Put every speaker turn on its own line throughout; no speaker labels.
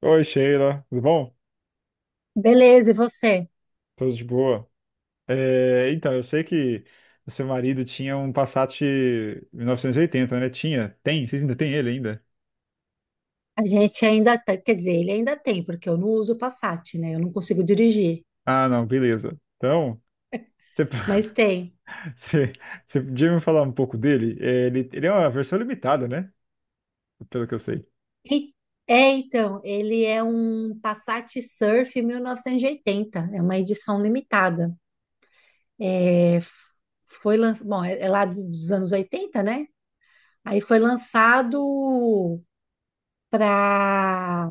Oi, Sheila. Tudo bom?
Beleza, e você?
Tudo de boa. É, então, eu sei que o seu marido tinha um Passat 1980, né? Tinha? Tem? Vocês ainda têm ele ainda?
A gente ainda tem, quer dizer, ele ainda tem, porque eu não uso o Passat, né? Eu não consigo dirigir,
Ah, não, beleza. Então, você,
mas tem.
você, você podia me falar um pouco dele? É, ele é uma versão limitada, né? Pelo que eu sei.
E- então, ele é um Passat Surf 1980, é uma edição limitada. É, foi lançado, bom, é lá dos anos 80, né? Aí foi lançado para,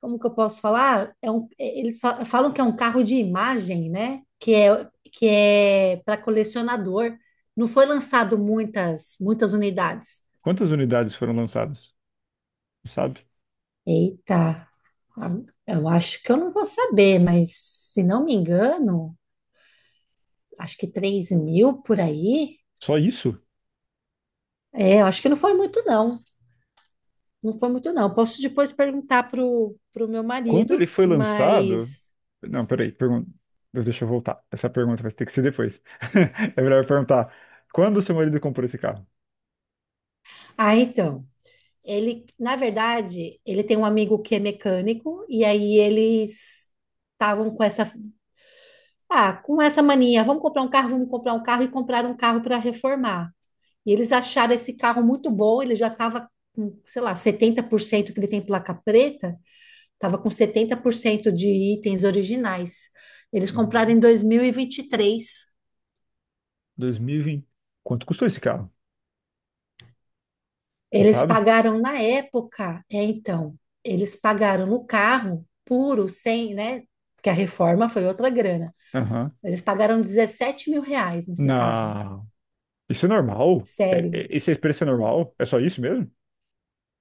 como que eu posso falar? Eles falam que é um carro de imagem, né? Que é para colecionador. Não foi lançado muitas unidades.
Quantas unidades foram lançadas? Sabe?
Eita, a- eu acho que eu não vou saber, mas se não me engano, acho que 3.000 por aí.
Só isso?
É, eu acho que não foi muito, não. Não foi muito, não. Posso depois perguntar pro meu
Quando ele
marido,
foi lançado.
mas.
Não, peraí, deixa eu voltar. Essa pergunta vai ter que ser depois. É melhor eu perguntar: quando seu marido comprou esse carro?
Ah, então. Ele, na verdade, ele tem um amigo que é mecânico, e aí eles estavam com com essa mania, vamos comprar um carro, vamos comprar um carro, e compraram um carro para reformar. E eles acharam esse carro muito bom, ele já estava com, sei lá, 70%, que ele tem placa preta, estava com 70% de itens originais. Eles compraram
Uhum.
em dois mil e vinte e três.
2020. Quanto custou esse carro? Você
Eles
sabe?
pagaram na época, é, então, eles pagaram no carro puro, sem, né? Porque a reforma foi outra grana.
Aham.
Eles pagaram 17 mil reais nesse carro,
Não. Isso é normal?
sério.
Esse preço é normal? É só isso mesmo?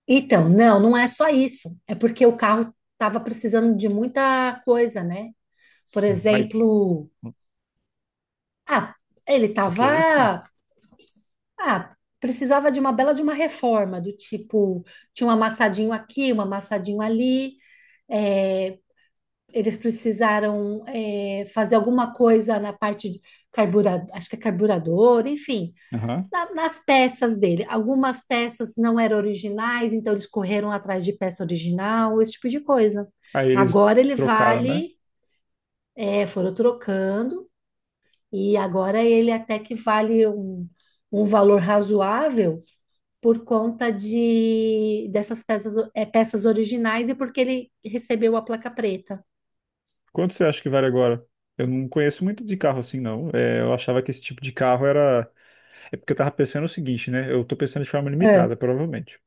Então, não, não é só isso. É porque o carro estava precisando de muita coisa, né? Por
Mas,
exemplo, ah, ele
ok.
estava, ah, precisava de uma bela de uma reforma, do tipo, tinha um amassadinho aqui, um amassadinho ali, é, eles precisaram, é, fazer alguma coisa na parte de carburador, acho que é carburador, enfim,
Aham.
nas peças dele. Algumas peças não eram originais, então eles correram atrás de peça original, esse tipo de coisa.
Aí eles
Agora ele
trocaram, né?
vale, é, foram trocando, e agora ele até que vale um valor razoável por conta de dessas peças, é, peças originais e porque ele recebeu a placa preta.
Quanto você acha que vale agora? Eu não conheço muito de carro assim, não. É, eu achava que esse tipo de carro era. É porque eu tava pensando o seguinte, né? Eu tô pensando de forma
É,
limitada, provavelmente.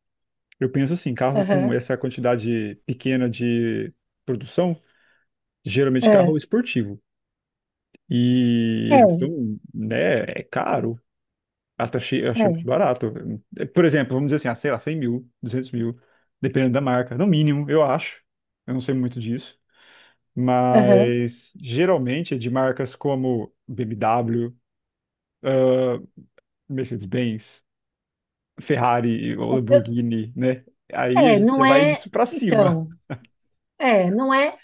Eu penso assim, carro com
aham,
essa quantidade pequena de produção, geralmente carro
é.
esportivo. E eles
É,
são, né? É caro. Até achei, eu achei muito
é,
barato. Por exemplo, vamos dizer assim, ah, sei lá, 100 mil, 200 mil, dependendo da marca. No mínimo, eu acho. Eu não sei muito disso.
aham.
Mas geralmente é de marcas como BMW, Mercedes-Benz, Ferrari ou
Eu-
Lamborghini, né? Aí a
É,
gente
não
já vai
é.
disso pra cima.
Então, é, não é,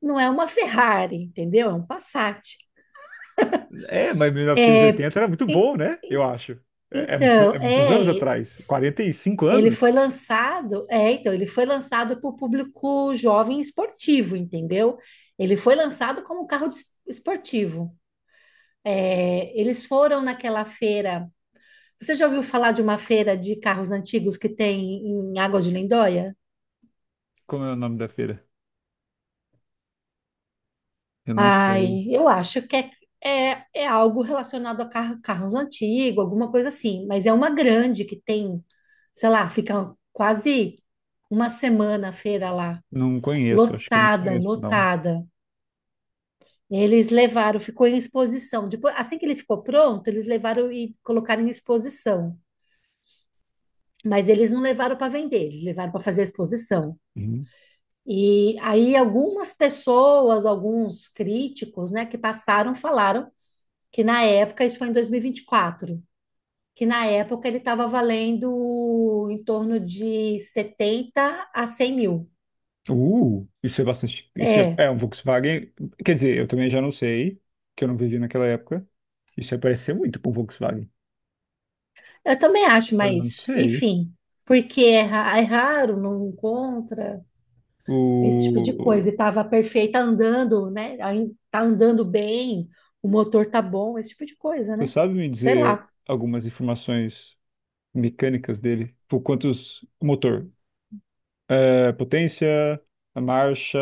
não é uma Ferrari, entendeu? É um Passat.
É, mas 1980 era muito
E-
bom, né? Eu acho. É,
então,
é muitos anos
é,
atrás. 45
ele
anos?
foi lançado, é, então, ele foi lançado para o público jovem esportivo, entendeu? Ele foi lançado como carro de esportivo. É, eles foram naquela feira. Você já ouviu falar de uma feira de carros antigos que tem em Águas de Lindóia?
Como é o nome da feira? Eu não sei.
Ai, eu acho que é, é algo relacionado a carros antigos, alguma coisa assim, mas é uma grande que tem, sei lá, fica quase uma semana a feira lá,
Não conheço, acho que eu não
lotada,
conheço, não.
lotada. Eles levaram, ficou em exposição. Depois, assim que ele ficou pronto, eles levaram e colocaram em exposição. Mas eles não levaram para vender, eles levaram para fazer a exposição.
Uhum.
E aí algumas pessoas, alguns críticos, né, que passaram, falaram que na época, isso foi em dois mil e vinte e quatro, que na época ele estava valendo em torno de 70 a 100 mil.
Isso é bastante. Isso é,
É,
é um Volkswagen. Quer dizer, eu também já não sei, que eu não vivi naquela época. Isso ia parecer muito com Volkswagen.
eu também acho,
Eu não
mas
sei.
enfim, porque é, é raro, não encontra esse tipo de coisa.
O...
E estava perfeita andando, né? Aí tá andando bem, o motor tá bom, esse tipo de coisa,
Você
né?
sabe me
Sei
dizer
lá.
algumas informações mecânicas dele? O motor. É, potência, a marcha...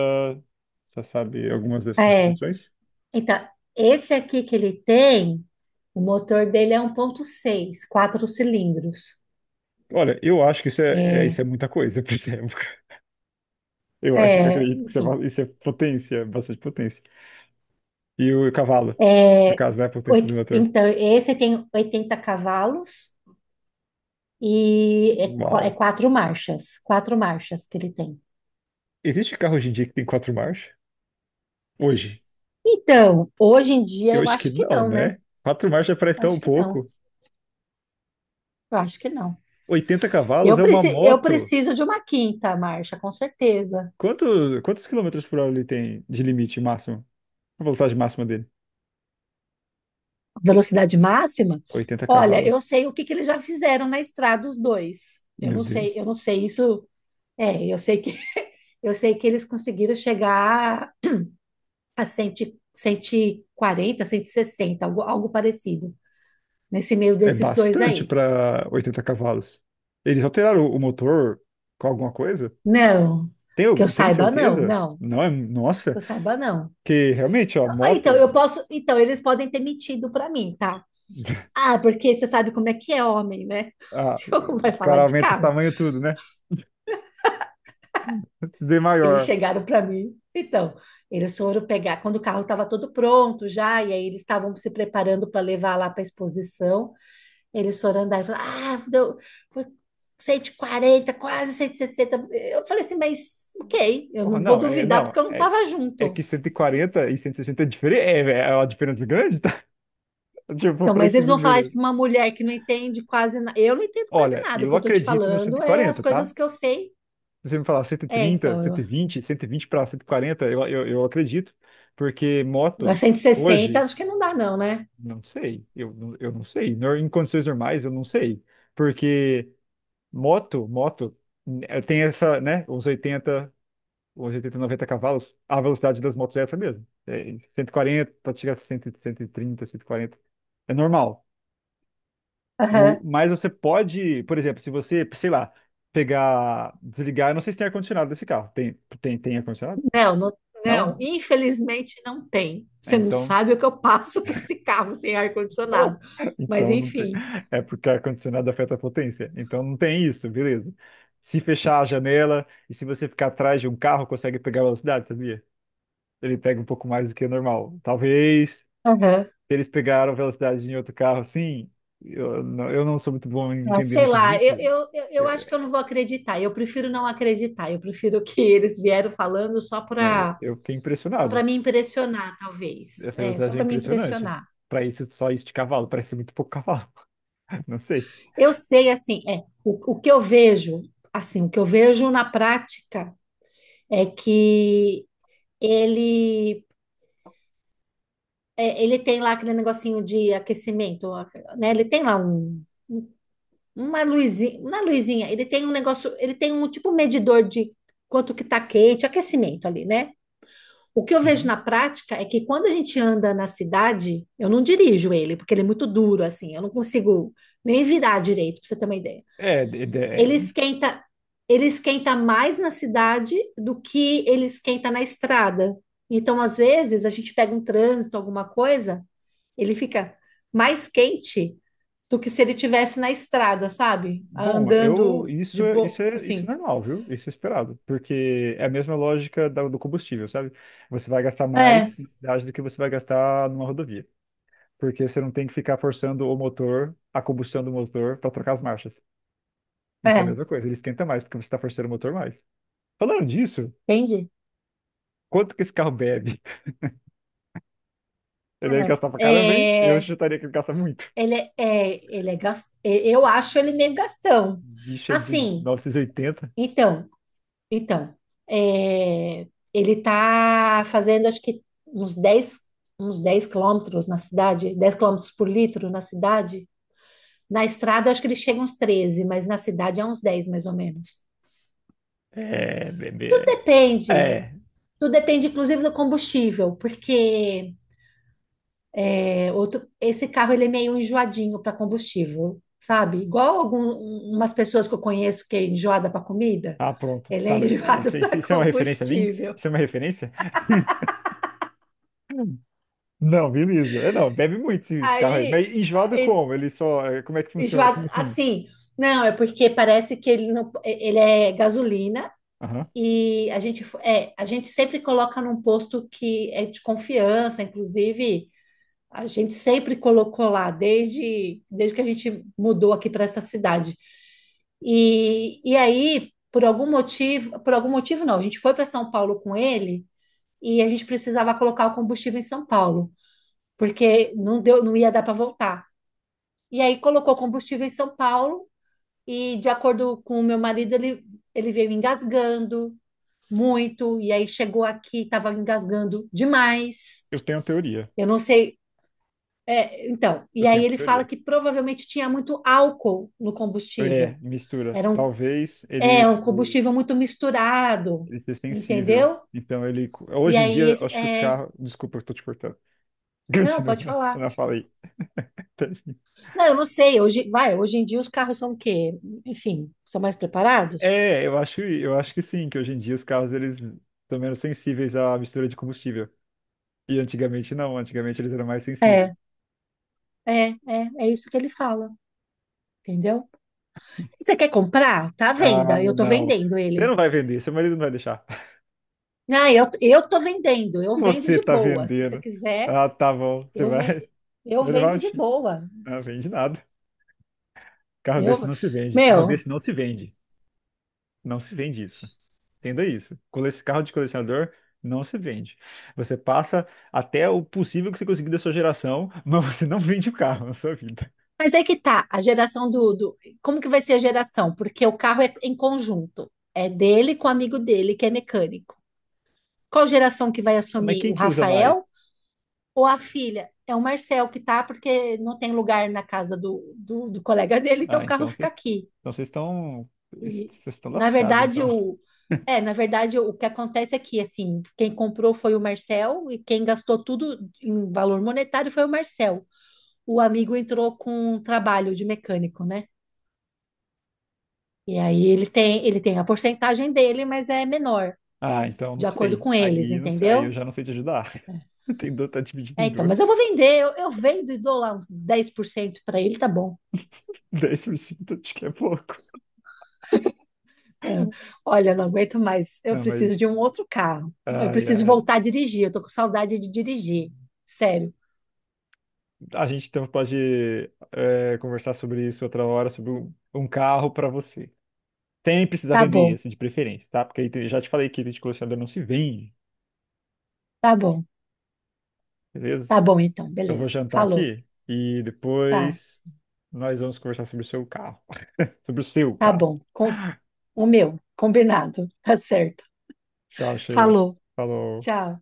Você sabe algumas dessas
É,
informações?
então, esse aqui que ele tem, o motor dele é um ponto seis quatro cilindros.
Olha, eu acho que isso isso é muita coisa pra essa. Eu
É,
acredito que
enfim.
isso é potência, bastante potência. E o cavalo, no
É,
caso, né? A potência do motor.
então, esse tem 80 cavalos, e é, é
Uau.
quatro marchas que ele tem.
Existe carro hoje em dia que tem quatro marchas? Hoje?
Então, hoje em dia
Eu
eu
acho que
acho que
não,
não,
né?
né?
Quatro marchas parece
Eu
tão
acho que não.
pouco.
Eu acho que não.
80 cavalos é uma
Eu
moto.
preciso de uma quinta marcha, com certeza.
Quantos quilômetros por hora ele tem de limite máximo? A velocidade máxima dele?
Velocidade máxima?
80
Olha,
cavalos.
eu sei o que que eles já fizeram na estrada os dois.
Meu
Eu
Deus.
não sei isso. É, eu sei que eu sei que eles conseguiram chegar a 100, 140, 160, algo, algo parecido, nesse meio
É
desses dois
bastante
aí.
para 80 cavalos. Eles alteraram o motor com alguma coisa?
Não, que eu
Tem
saiba, não,
certeza?
não,
Não é, nossa,
que eu saiba, não.
que realmente, ó,
Ah, então,
moto,
eu posso, então, eles podem ter mentido para mim, tá? Ah, porque você sabe como é que é homem, né?
ah,
Como vai
os
falar
caras
de
aumentam os
carro?
tamanhos tudo, né? Tudo é
Eles
maior.
chegaram para mim, então, eles foram pegar, quando o carro estava todo pronto já, e aí eles estavam se preparando para levar lá para a exposição. Eles foram andar e falaram, ah, deu 140, quase 160. Eu falei assim, mas ok, eu
Oh,
não vou
não, é,
duvidar porque
não,
eu não
é,
estava
é que
junto.
140 e 160 é diferente, é uma diferença grande, tá? Tipo,
Então,
para
mas
esse
eles vão falar isso
número.
para uma mulher que não entende quase nada. Eu não entendo quase
Olha,
nada. O
eu
que eu tô te
acredito no
falando é as
140,
coisas
tá?
que eu sei.
Se você me falar
É,
130,
então, eu,
120 para 140, eu acredito, porque
agora
moto
160,
hoje,
acho que não dá, não, né?
não sei, eu não sei, em condições normais eu não sei, porque moto tem essa, né, uns 80, 90 cavalos, a velocidade das motos é essa mesmo, é 140, pode chegar a 100, 130, 140, é normal.
Aham.
Mas você pode, por exemplo, se você, sei lá, pegar, desligar, eu não sei se tem ar-condicionado nesse carro. Tem ar-condicionado?
Não, não, não,
Não?
infelizmente não tem.
É.
Você não sabe o que eu passo com esse carro sem
Oh,
ar-condicionado. Mas
então não tem.
enfim.
É porque ar-condicionado afeta a potência. Então não tem isso, beleza. Se fechar a janela e se você ficar atrás de um carro, consegue pegar a velocidade, sabia? Ele pega um pouco mais do que o normal. Talvez, se
Aham.
eles pegaram velocidade em outro carro, sim. Eu não sou muito bom em
Ah,
entender
sei
muito
lá,
disso.
eu
Eu,
acho que eu não vou acreditar. Eu prefiro não acreditar. Eu prefiro que eles vieram falando só
não, eu fiquei
para
impressionado.
me impressionar, talvez.
Essa
É, só
velocidade é
para me
impressionante.
impressionar.
Pra isso, só isso de cavalo, parece muito pouco cavalo. Não sei.
Eu sei, assim, o que eu vejo, assim, o que eu vejo na prática é que ele é, ele tem lá aquele negocinho de aquecimento, né? Ele tem lá um, uma luzinha, ele tem um negócio, ele tem um tipo um medidor de quanto que tá quente, aquecimento ali, né? O que eu vejo
Uhum.
na prática é que quando a gente anda na cidade, eu não dirijo ele, porque ele é muito duro, assim, eu não consigo nem virar direito, pra você ter uma ideia.
É.
Ele esquenta, ele esquenta mais na cidade do que ele esquenta na estrada. Então, às vezes, a gente pega um trânsito, alguma coisa, ele fica mais quente do que se ele tivesse na estrada, sabe?
Bom, eu
Andando
isso
de
é isso
boa,
é isso é
assim.
normal, viu? Isso é esperado, porque é a mesma lógica do combustível, sabe? Você vai gastar
É,
mais na cidade do que você vai gastar numa rodovia, porque você não tem que ficar forçando o motor, a combustão do motor para trocar as marchas. Então é a
é,
mesma coisa, ele esquenta mais porque você está forçando o motor mais. Falando disso,
Entende?
quanto que esse carro bebe? Ele deve gastar pra caramba, hein? Eu
É.
chutaria que ele gasta muito.
Ele é eu acho ele meio gastão.
Bicha de
Assim,
1980.
então, então, é, ele tá fazendo acho que uns 10 quilômetros na cidade, 10 quilômetros por litro na cidade. Na estrada acho que ele chega uns treze, mas na cidade é uns 10 mais ou menos.
É,
Tudo
bebê.
depende,
É.
tudo depende inclusive do combustível, porque é outro, esse carro ele é meio enjoadinho para combustível, sabe? Igual algumas pessoas que eu conheço que é enjoada para comida,
Ah, pronto.
ele
Tá,
é enjoado
isso, isso
para
isso é uma referência a mim?
combustível.
Isso é uma referência? Não, beleza. É, não, bebe muito esse carro aí. Mas
Aí,
enjoado
e-
como? Ele só. Como é que funciona?
enjoado
Como assim?
assim, não, é porque parece que ele não, ele é gasolina,
Aham.
e a gente a gente sempre coloca num posto que é de confiança, inclusive a gente sempre colocou lá, desde que a gente mudou aqui para essa cidade. E aí, por algum motivo não, a gente foi para São Paulo com ele, e a gente precisava colocar o combustível em São Paulo, porque não deu, não ia dar para voltar. E aí colocou combustível em São Paulo, e, de acordo com o meu marido, ele veio engasgando muito, e aí chegou aqui, estava engasgando demais.
Eu tenho teoria.
Eu não sei, é, então,
Eu
e aí
tenho
ele fala
teoria.
que provavelmente tinha muito álcool no
É,
combustível.
mistura.
Era um,
Talvez ele,
é, um combustível muito misturado,
ele seja sensível.
entendeu?
Então ele.
E
Hoje em
aí,
dia, eu
esse,
acho que os
é,
carros. Desculpa, eu tô te cortando.
não,
Continua.
pode
Eu
falar.
não falei.
Não, eu não sei. Hoje, vai, hoje em dia os carros são o quê? Enfim, são mais preparados?
É, eu acho que sim, que hoje em dia os carros eles estão menos sensíveis à mistura de combustível. E antigamente não, antigamente eles eram mais sensíveis.
É, é isso que ele fala, entendeu? Você quer comprar? Tá à
Ah,
venda. Eu tô
não.
vendendo
Você
ele.
não vai vender, seu marido não vai deixar.
Não, eu tô vendendo. Eu vendo
Você
de
tá
boa. Se você
vendendo.
quiser,
Ah, tá bom, você
eu,
vai,
ve- eu
vai levar
vendo
um
de
X.
boa.
Não vende nada. Carro desse
Eu,
não se vende. Carro
meu,
desse não se vende. Não se vende isso. Entenda isso. Carro de colecionador não se vende. Você passa até o possível que você conseguir da sua geração, mas você não vende o carro na sua vida.
mas é que tá, a geração como que vai ser a geração? Porque o carro é em conjunto. É dele com o amigo dele, que é mecânico. Qual geração que vai
Mas
assumir?
quem
O
que usa mais?
Rafael ou a filha? É o Marcel que tá, porque não tem lugar na casa do colega dele, então
Ah,
o carro fica aqui.
então vocês estão,
E,
vocês estão
na
lascados,
verdade,
então.
o. É, na verdade, o que acontece é que, assim, quem comprou foi o Marcel e quem gastou tudo em valor monetário foi o Marcel. O amigo entrou com um trabalho de mecânico, né? E aí ele tem a porcentagem dele, mas é menor,
Ah, então não
de acordo
sei.
com eles,
Aí, não sei, aí
entendeu?
eu já não sei te ajudar. Tem dor, tá dividido
É,
em
então,
duas.
mas eu vou vender, eu vendo e dou lá uns 10% para ele, tá bom.
10% acho que é pouco.
É, olha, eu não aguento mais, eu
Não, mas.
preciso de um outro carro. Eu
Ai,
preciso
ai.
voltar a dirigir, eu tô com saudade de dirigir. Sério.
A gente então pode conversar sobre isso outra hora, sobre um carro para você. Sem precisar
Tá
vender
bom,
esse, de preferência, tá? Porque aí já te falei que item de colecionador não se vende,
tá bom,
beleza?
tá bom então,
Eu vou
beleza.
jantar
Falou,
aqui e
tá,
depois nós vamos conversar sobre o seu carro. Sobre o seu
tá
carro.
bom. Com, o meu, combinado, tá certo.
Tchau, Sheila.
Falou,
Falou.
tchau.